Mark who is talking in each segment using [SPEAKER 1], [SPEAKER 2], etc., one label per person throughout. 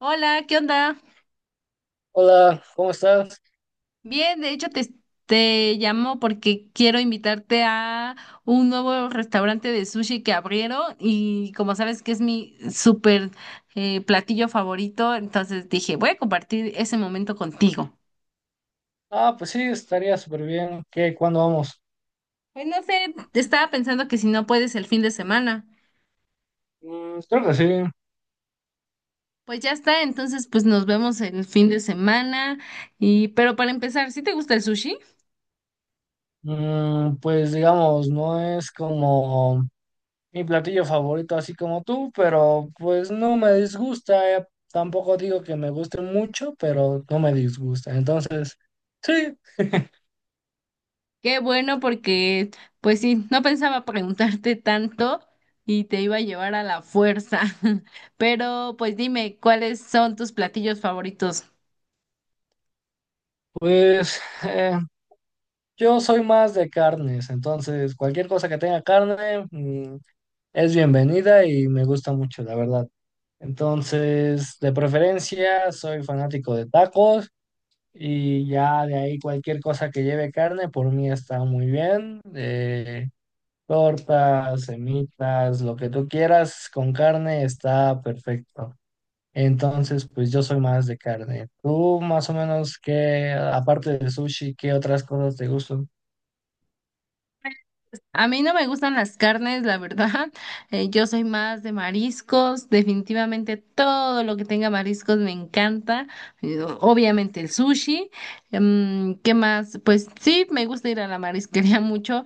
[SPEAKER 1] Hola, ¿qué onda?
[SPEAKER 2] Hola, ¿cómo estás?
[SPEAKER 1] Bien, de hecho te llamo porque quiero invitarte a un nuevo restaurante de sushi que abrieron y como sabes que es mi súper platillo favorito, entonces dije, voy a compartir ese momento contigo.
[SPEAKER 2] Ah, pues sí, estaría súper bien. ¿Qué? ¿Cuándo vamos?
[SPEAKER 1] Pues no sé, estaba pensando que si no puedes el fin de semana.
[SPEAKER 2] Mm, creo que sí.
[SPEAKER 1] Pues ya está, entonces pues nos vemos el fin de semana y pero para empezar, ¿sí te gusta el sushi?
[SPEAKER 2] Mm, pues digamos, no es como mi platillo favorito, así como tú, pero pues no me disgusta. Tampoco digo que me guste mucho, pero no me disgusta. Entonces, sí,
[SPEAKER 1] Qué bueno porque, pues sí, no pensaba preguntarte tanto y te iba a llevar a la fuerza. Pero, pues dime, ¿cuáles son tus platillos favoritos?
[SPEAKER 2] pues yo soy más de carnes. Entonces, cualquier cosa que tenga carne, es bienvenida y me gusta mucho, la verdad. Entonces, de preferencia, soy fanático de tacos y ya de ahí cualquier cosa que lleve carne, por mí está muy bien. Tortas, semitas, lo que tú quieras con carne está perfecto. Entonces, pues yo soy más de carne. ¿Tú más o menos qué, aparte de sushi, qué otras cosas te gustan?
[SPEAKER 1] A mí no me gustan las carnes, la verdad. Yo soy más de mariscos. Definitivamente todo lo que tenga mariscos me encanta. Obviamente el sushi. Mm, ¿qué más? Pues sí, me gusta ir a la marisquería mucho.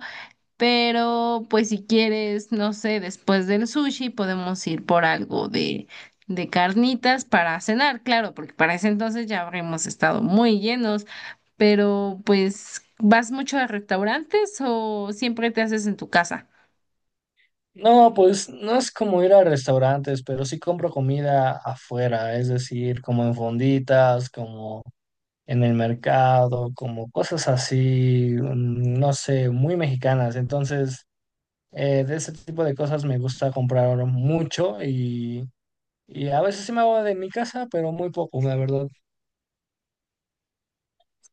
[SPEAKER 1] Pero, pues si quieres, no sé, después del sushi podemos ir por algo de carnitas para cenar, claro, porque para ese entonces ya habremos estado muy llenos. Pero, pues, ¿vas mucho a restaurantes o siempre te haces en tu casa?
[SPEAKER 2] No, pues no es como ir a restaurantes, pero sí compro comida afuera, es decir, como en fonditas, como en el mercado, como cosas así, no sé, muy mexicanas. Entonces, de ese tipo de cosas me gusta comprar mucho y a veces sí me hago de mi casa, pero muy poco, la verdad.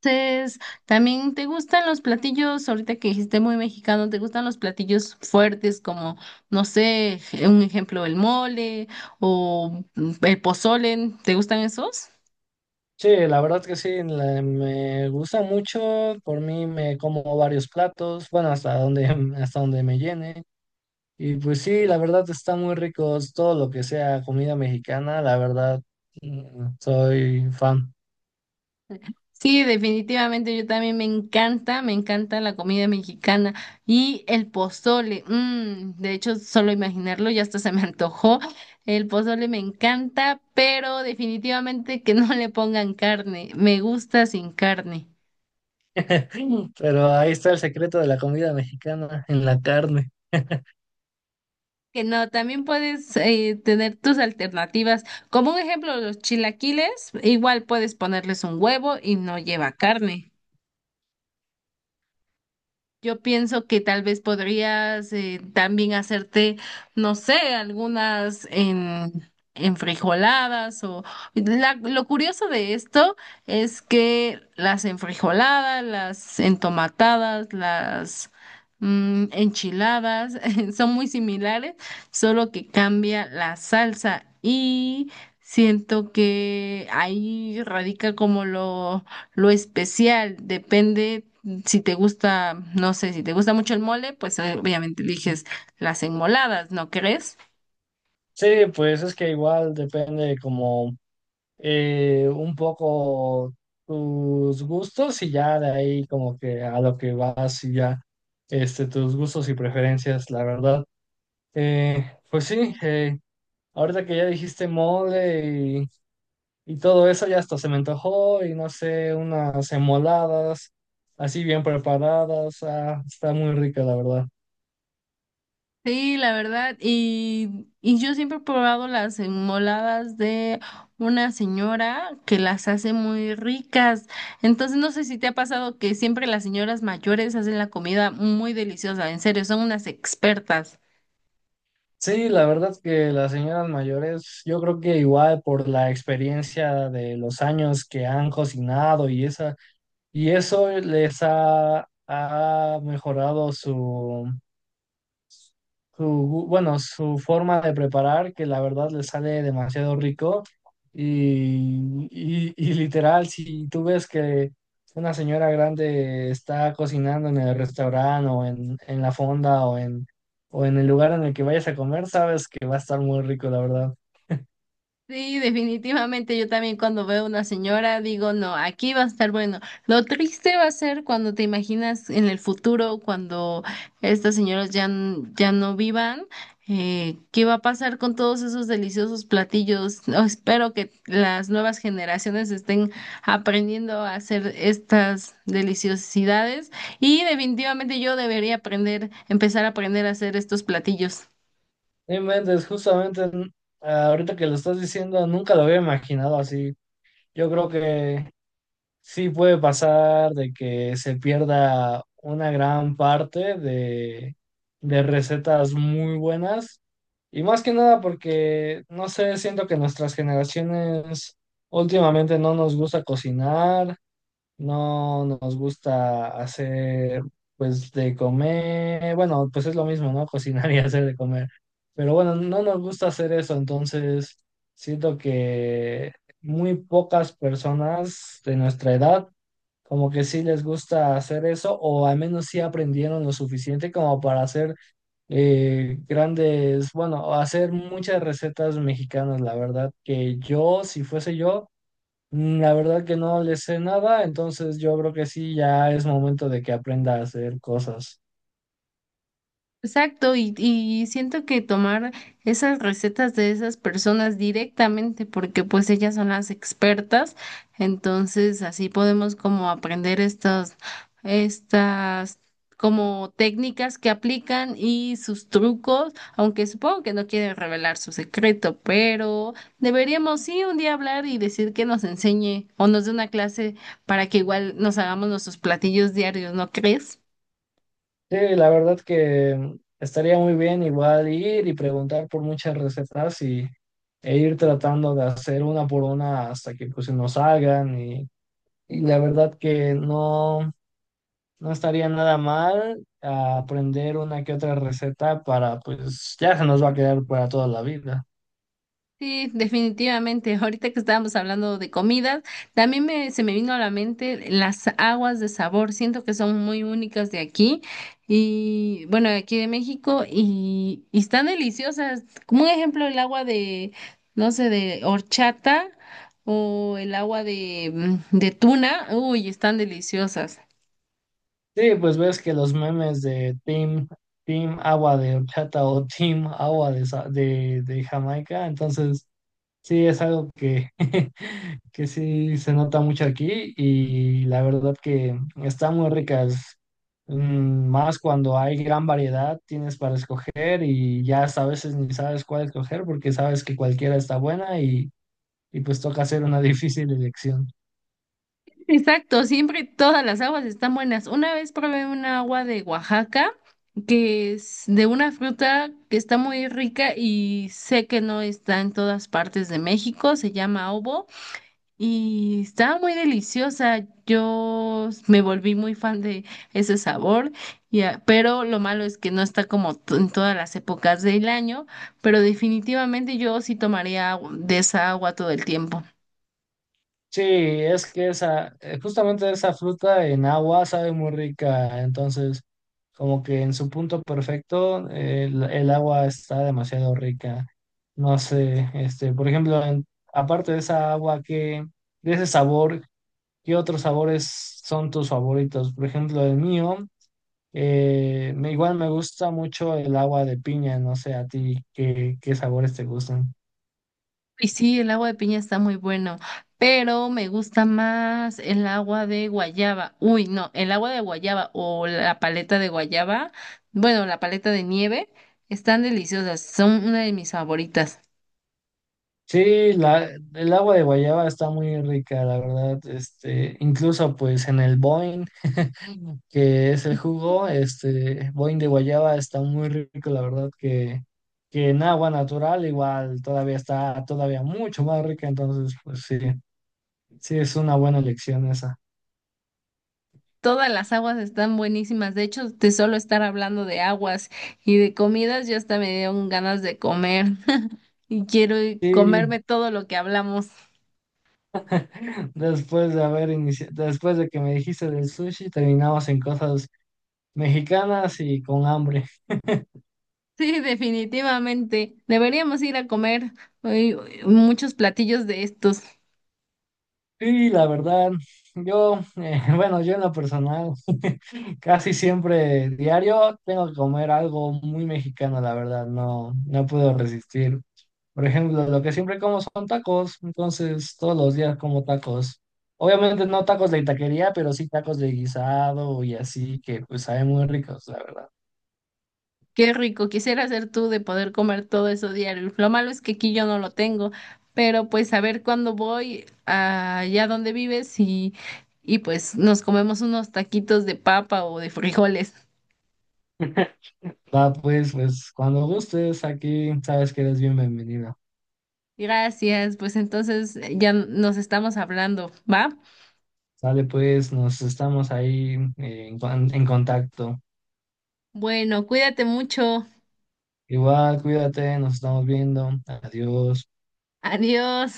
[SPEAKER 1] Entonces, ¿también te gustan los platillos, ahorita que dijiste muy mexicano, te gustan los platillos fuertes como, no sé, un ejemplo, el mole o el pozole? ¿Te gustan esos?
[SPEAKER 2] Sí, la verdad que sí, me gusta mucho, por mí me como varios platos, bueno, hasta donde, hasta donde me llene. Y pues sí, la verdad está muy rico todo lo que sea comida mexicana, la verdad. Mm, soy fan.
[SPEAKER 1] Sí, definitivamente yo también me encanta la comida mexicana y el pozole. Mm, de hecho, solo imaginarlo ya hasta se me antojó. El pozole me encanta, pero definitivamente que no le pongan carne. Me gusta sin carne.
[SPEAKER 2] Pero ahí está el secreto de la comida mexicana, en la carne.
[SPEAKER 1] Que no, también puedes tener tus alternativas. Como un ejemplo, los chilaquiles, igual puedes ponerles un huevo y no lleva carne. Yo pienso que tal vez podrías también hacerte, no sé, algunas en frijoladas o lo curioso de esto es que las enfrijoladas, las entomatadas, las enchiladas son muy similares, solo que cambia la salsa y siento que ahí radica como lo especial depende si te gusta, no sé, si te gusta mucho el mole, pues obviamente eliges las enmoladas, ¿no crees?
[SPEAKER 2] Sí, pues es que igual depende como un poco tus gustos y ya de ahí como que a lo que vas y ya este, tus gustos y preferencias, la verdad. Eh, pues sí, ahorita que ya dijiste mole y todo eso ya hasta se me antojó y no sé, unas enmoladas así bien preparadas. Ah, está muy rica, la verdad.
[SPEAKER 1] Sí, la verdad, y yo siempre he probado las enmoladas de una señora que las hace muy ricas. Entonces, no sé si te ha pasado que siempre las señoras mayores hacen la comida muy deliciosa, en serio, son unas expertas.
[SPEAKER 2] Sí, la verdad que las señoras mayores, yo creo que igual por la experiencia de los años que han cocinado y eso les ha mejorado su, bueno, su forma de preparar, que la verdad le sale demasiado rico. Y literal, si tú ves que una señora grande está cocinando en el restaurante en la fonda o en el lugar en el que vayas a comer, sabes que va a estar muy rico, la verdad.
[SPEAKER 1] Sí, definitivamente yo también cuando veo una señora digo, no, aquí va a estar bueno. Lo triste va a ser cuando te imaginas en el futuro, cuando estas señoras ya, ya no vivan, ¿qué va a pasar con todos esos deliciosos platillos? No, espero que las nuevas generaciones estén aprendiendo a hacer estas deliciosidades y definitivamente yo debería aprender, empezar a aprender a hacer estos platillos.
[SPEAKER 2] No inventes, justamente ahorita que lo estás diciendo, nunca lo había imaginado así. Yo creo que sí puede pasar de que se pierda una gran parte de recetas muy buenas y más que nada porque, no sé, siento que nuestras generaciones últimamente no nos gusta cocinar. No nos gusta hacer, pues, de comer. Bueno, pues es lo mismo, ¿no? Cocinar y hacer de comer. Pero bueno, no nos gusta hacer eso, entonces siento que muy pocas personas de nuestra edad como que sí les gusta hacer eso, o al menos sí aprendieron lo suficiente como para hacer grandes, bueno, hacer muchas recetas mexicanas, la verdad, que yo, si fuese yo, mm, la verdad que no le sé nada, entonces yo creo que sí, ya es momento de que aprenda a hacer cosas.
[SPEAKER 1] Exacto, y siento que tomar esas recetas de esas personas directamente, porque pues ellas son las expertas, entonces así podemos como aprender estas como técnicas que aplican y sus trucos, aunque supongo que no quieren revelar su secreto, pero deberíamos sí un día hablar y decir que nos enseñe o nos dé una clase para que igual nos hagamos nuestros platillos diarios, ¿no crees?
[SPEAKER 2] Sí, la verdad que estaría muy bien igual ir y preguntar por muchas recetas e ir tratando de hacer una por una hasta que pues nos salgan y la verdad que no, no estaría nada mal aprender una que otra receta para pues ya se nos va a quedar para toda la vida.
[SPEAKER 1] Sí, definitivamente. Ahorita que estábamos hablando de comidas, también se me vino a la mente las aguas de sabor. Siento que son muy únicas de aquí y bueno, de aquí de México y están deliciosas. Como un ejemplo, el agua de, no sé, de horchata o el agua de, mm, de tuna. Uy, están deliciosas.
[SPEAKER 2] Sí, pues ves que los memes de Team Agua de Horchata o Team Agua de Jamaica, entonces sí es algo que, que sí se nota mucho aquí y la verdad que están muy ricas. Mm, más cuando hay gran variedad tienes para escoger y ya hasta a veces ni sabes cuál escoger porque sabes que cualquiera está buena y pues toca hacer una difícil elección.
[SPEAKER 1] Exacto, siempre todas las aguas están buenas. Una vez probé una agua de Oaxaca que es de una fruta que está muy rica y sé que no está en todas partes de México, se llama obo y estaba muy deliciosa. Yo me volví muy fan de ese sabor, y pero lo malo es que no está como en todas las épocas del año, pero definitivamente yo sí tomaría de esa agua todo el tiempo.
[SPEAKER 2] Sí, es que esa, justamente esa fruta en agua sabe muy rica, entonces como que en su punto perfecto el agua está demasiado rica. No sé, este, por ejemplo, aparte de esa agua de ese sabor, ¿qué otros sabores son tus favoritos? Por ejemplo, el mío, igual me gusta mucho el agua de piña, no sé a ti qué sabores te gustan.
[SPEAKER 1] Y sí, el agua de piña está muy bueno, pero me gusta más el agua de guayaba. Uy, no, el agua de guayaba o la paleta de guayaba, bueno, la paleta de nieve, están deliciosas, son una de mis favoritas.
[SPEAKER 2] Sí, la, el agua de guayaba está muy rica, la verdad. Este, incluso pues en el Boing, que es el jugo, este, Boing de guayaba está muy rico, la verdad, que en agua natural igual todavía está todavía mucho más rica, entonces pues sí, sí es una buena elección esa.
[SPEAKER 1] Todas las aguas están buenísimas. De hecho, de solo estar hablando de aguas y de comidas, ya hasta me dieron ganas de comer y quiero
[SPEAKER 2] Sí,
[SPEAKER 1] comerme todo lo que hablamos.
[SPEAKER 2] después de haber iniciado, después de que me dijiste del sushi, terminamos en cosas mexicanas y con hambre.
[SPEAKER 1] Sí, definitivamente. Deberíamos ir a comer eh, muchos platillos de estos.
[SPEAKER 2] Sí, la verdad, yo, bueno, yo en lo personal, casi siempre diario tengo que comer algo muy mexicano, la verdad, no, no puedo resistir. Por ejemplo, lo que siempre como son tacos, entonces todos los días como tacos. Obviamente no tacos de taquería, pero sí tacos de guisado y así, que pues saben muy ricos, la verdad.
[SPEAKER 1] Qué rico, quisiera ser tú de poder comer todo eso diario. Lo malo es que aquí yo no lo tengo, pero pues a ver cuándo voy allá donde vives y pues nos comemos unos taquitos de papa o de frijoles.
[SPEAKER 2] Va, pues, pues cuando gustes, aquí sabes que eres bien bienvenido.
[SPEAKER 1] Gracias, pues entonces ya nos estamos hablando, ¿va?
[SPEAKER 2] Sale, pues, nos estamos ahí en contacto.
[SPEAKER 1] Bueno, cuídate mucho.
[SPEAKER 2] Igual, cuídate, nos estamos viendo. Adiós.
[SPEAKER 1] Adiós.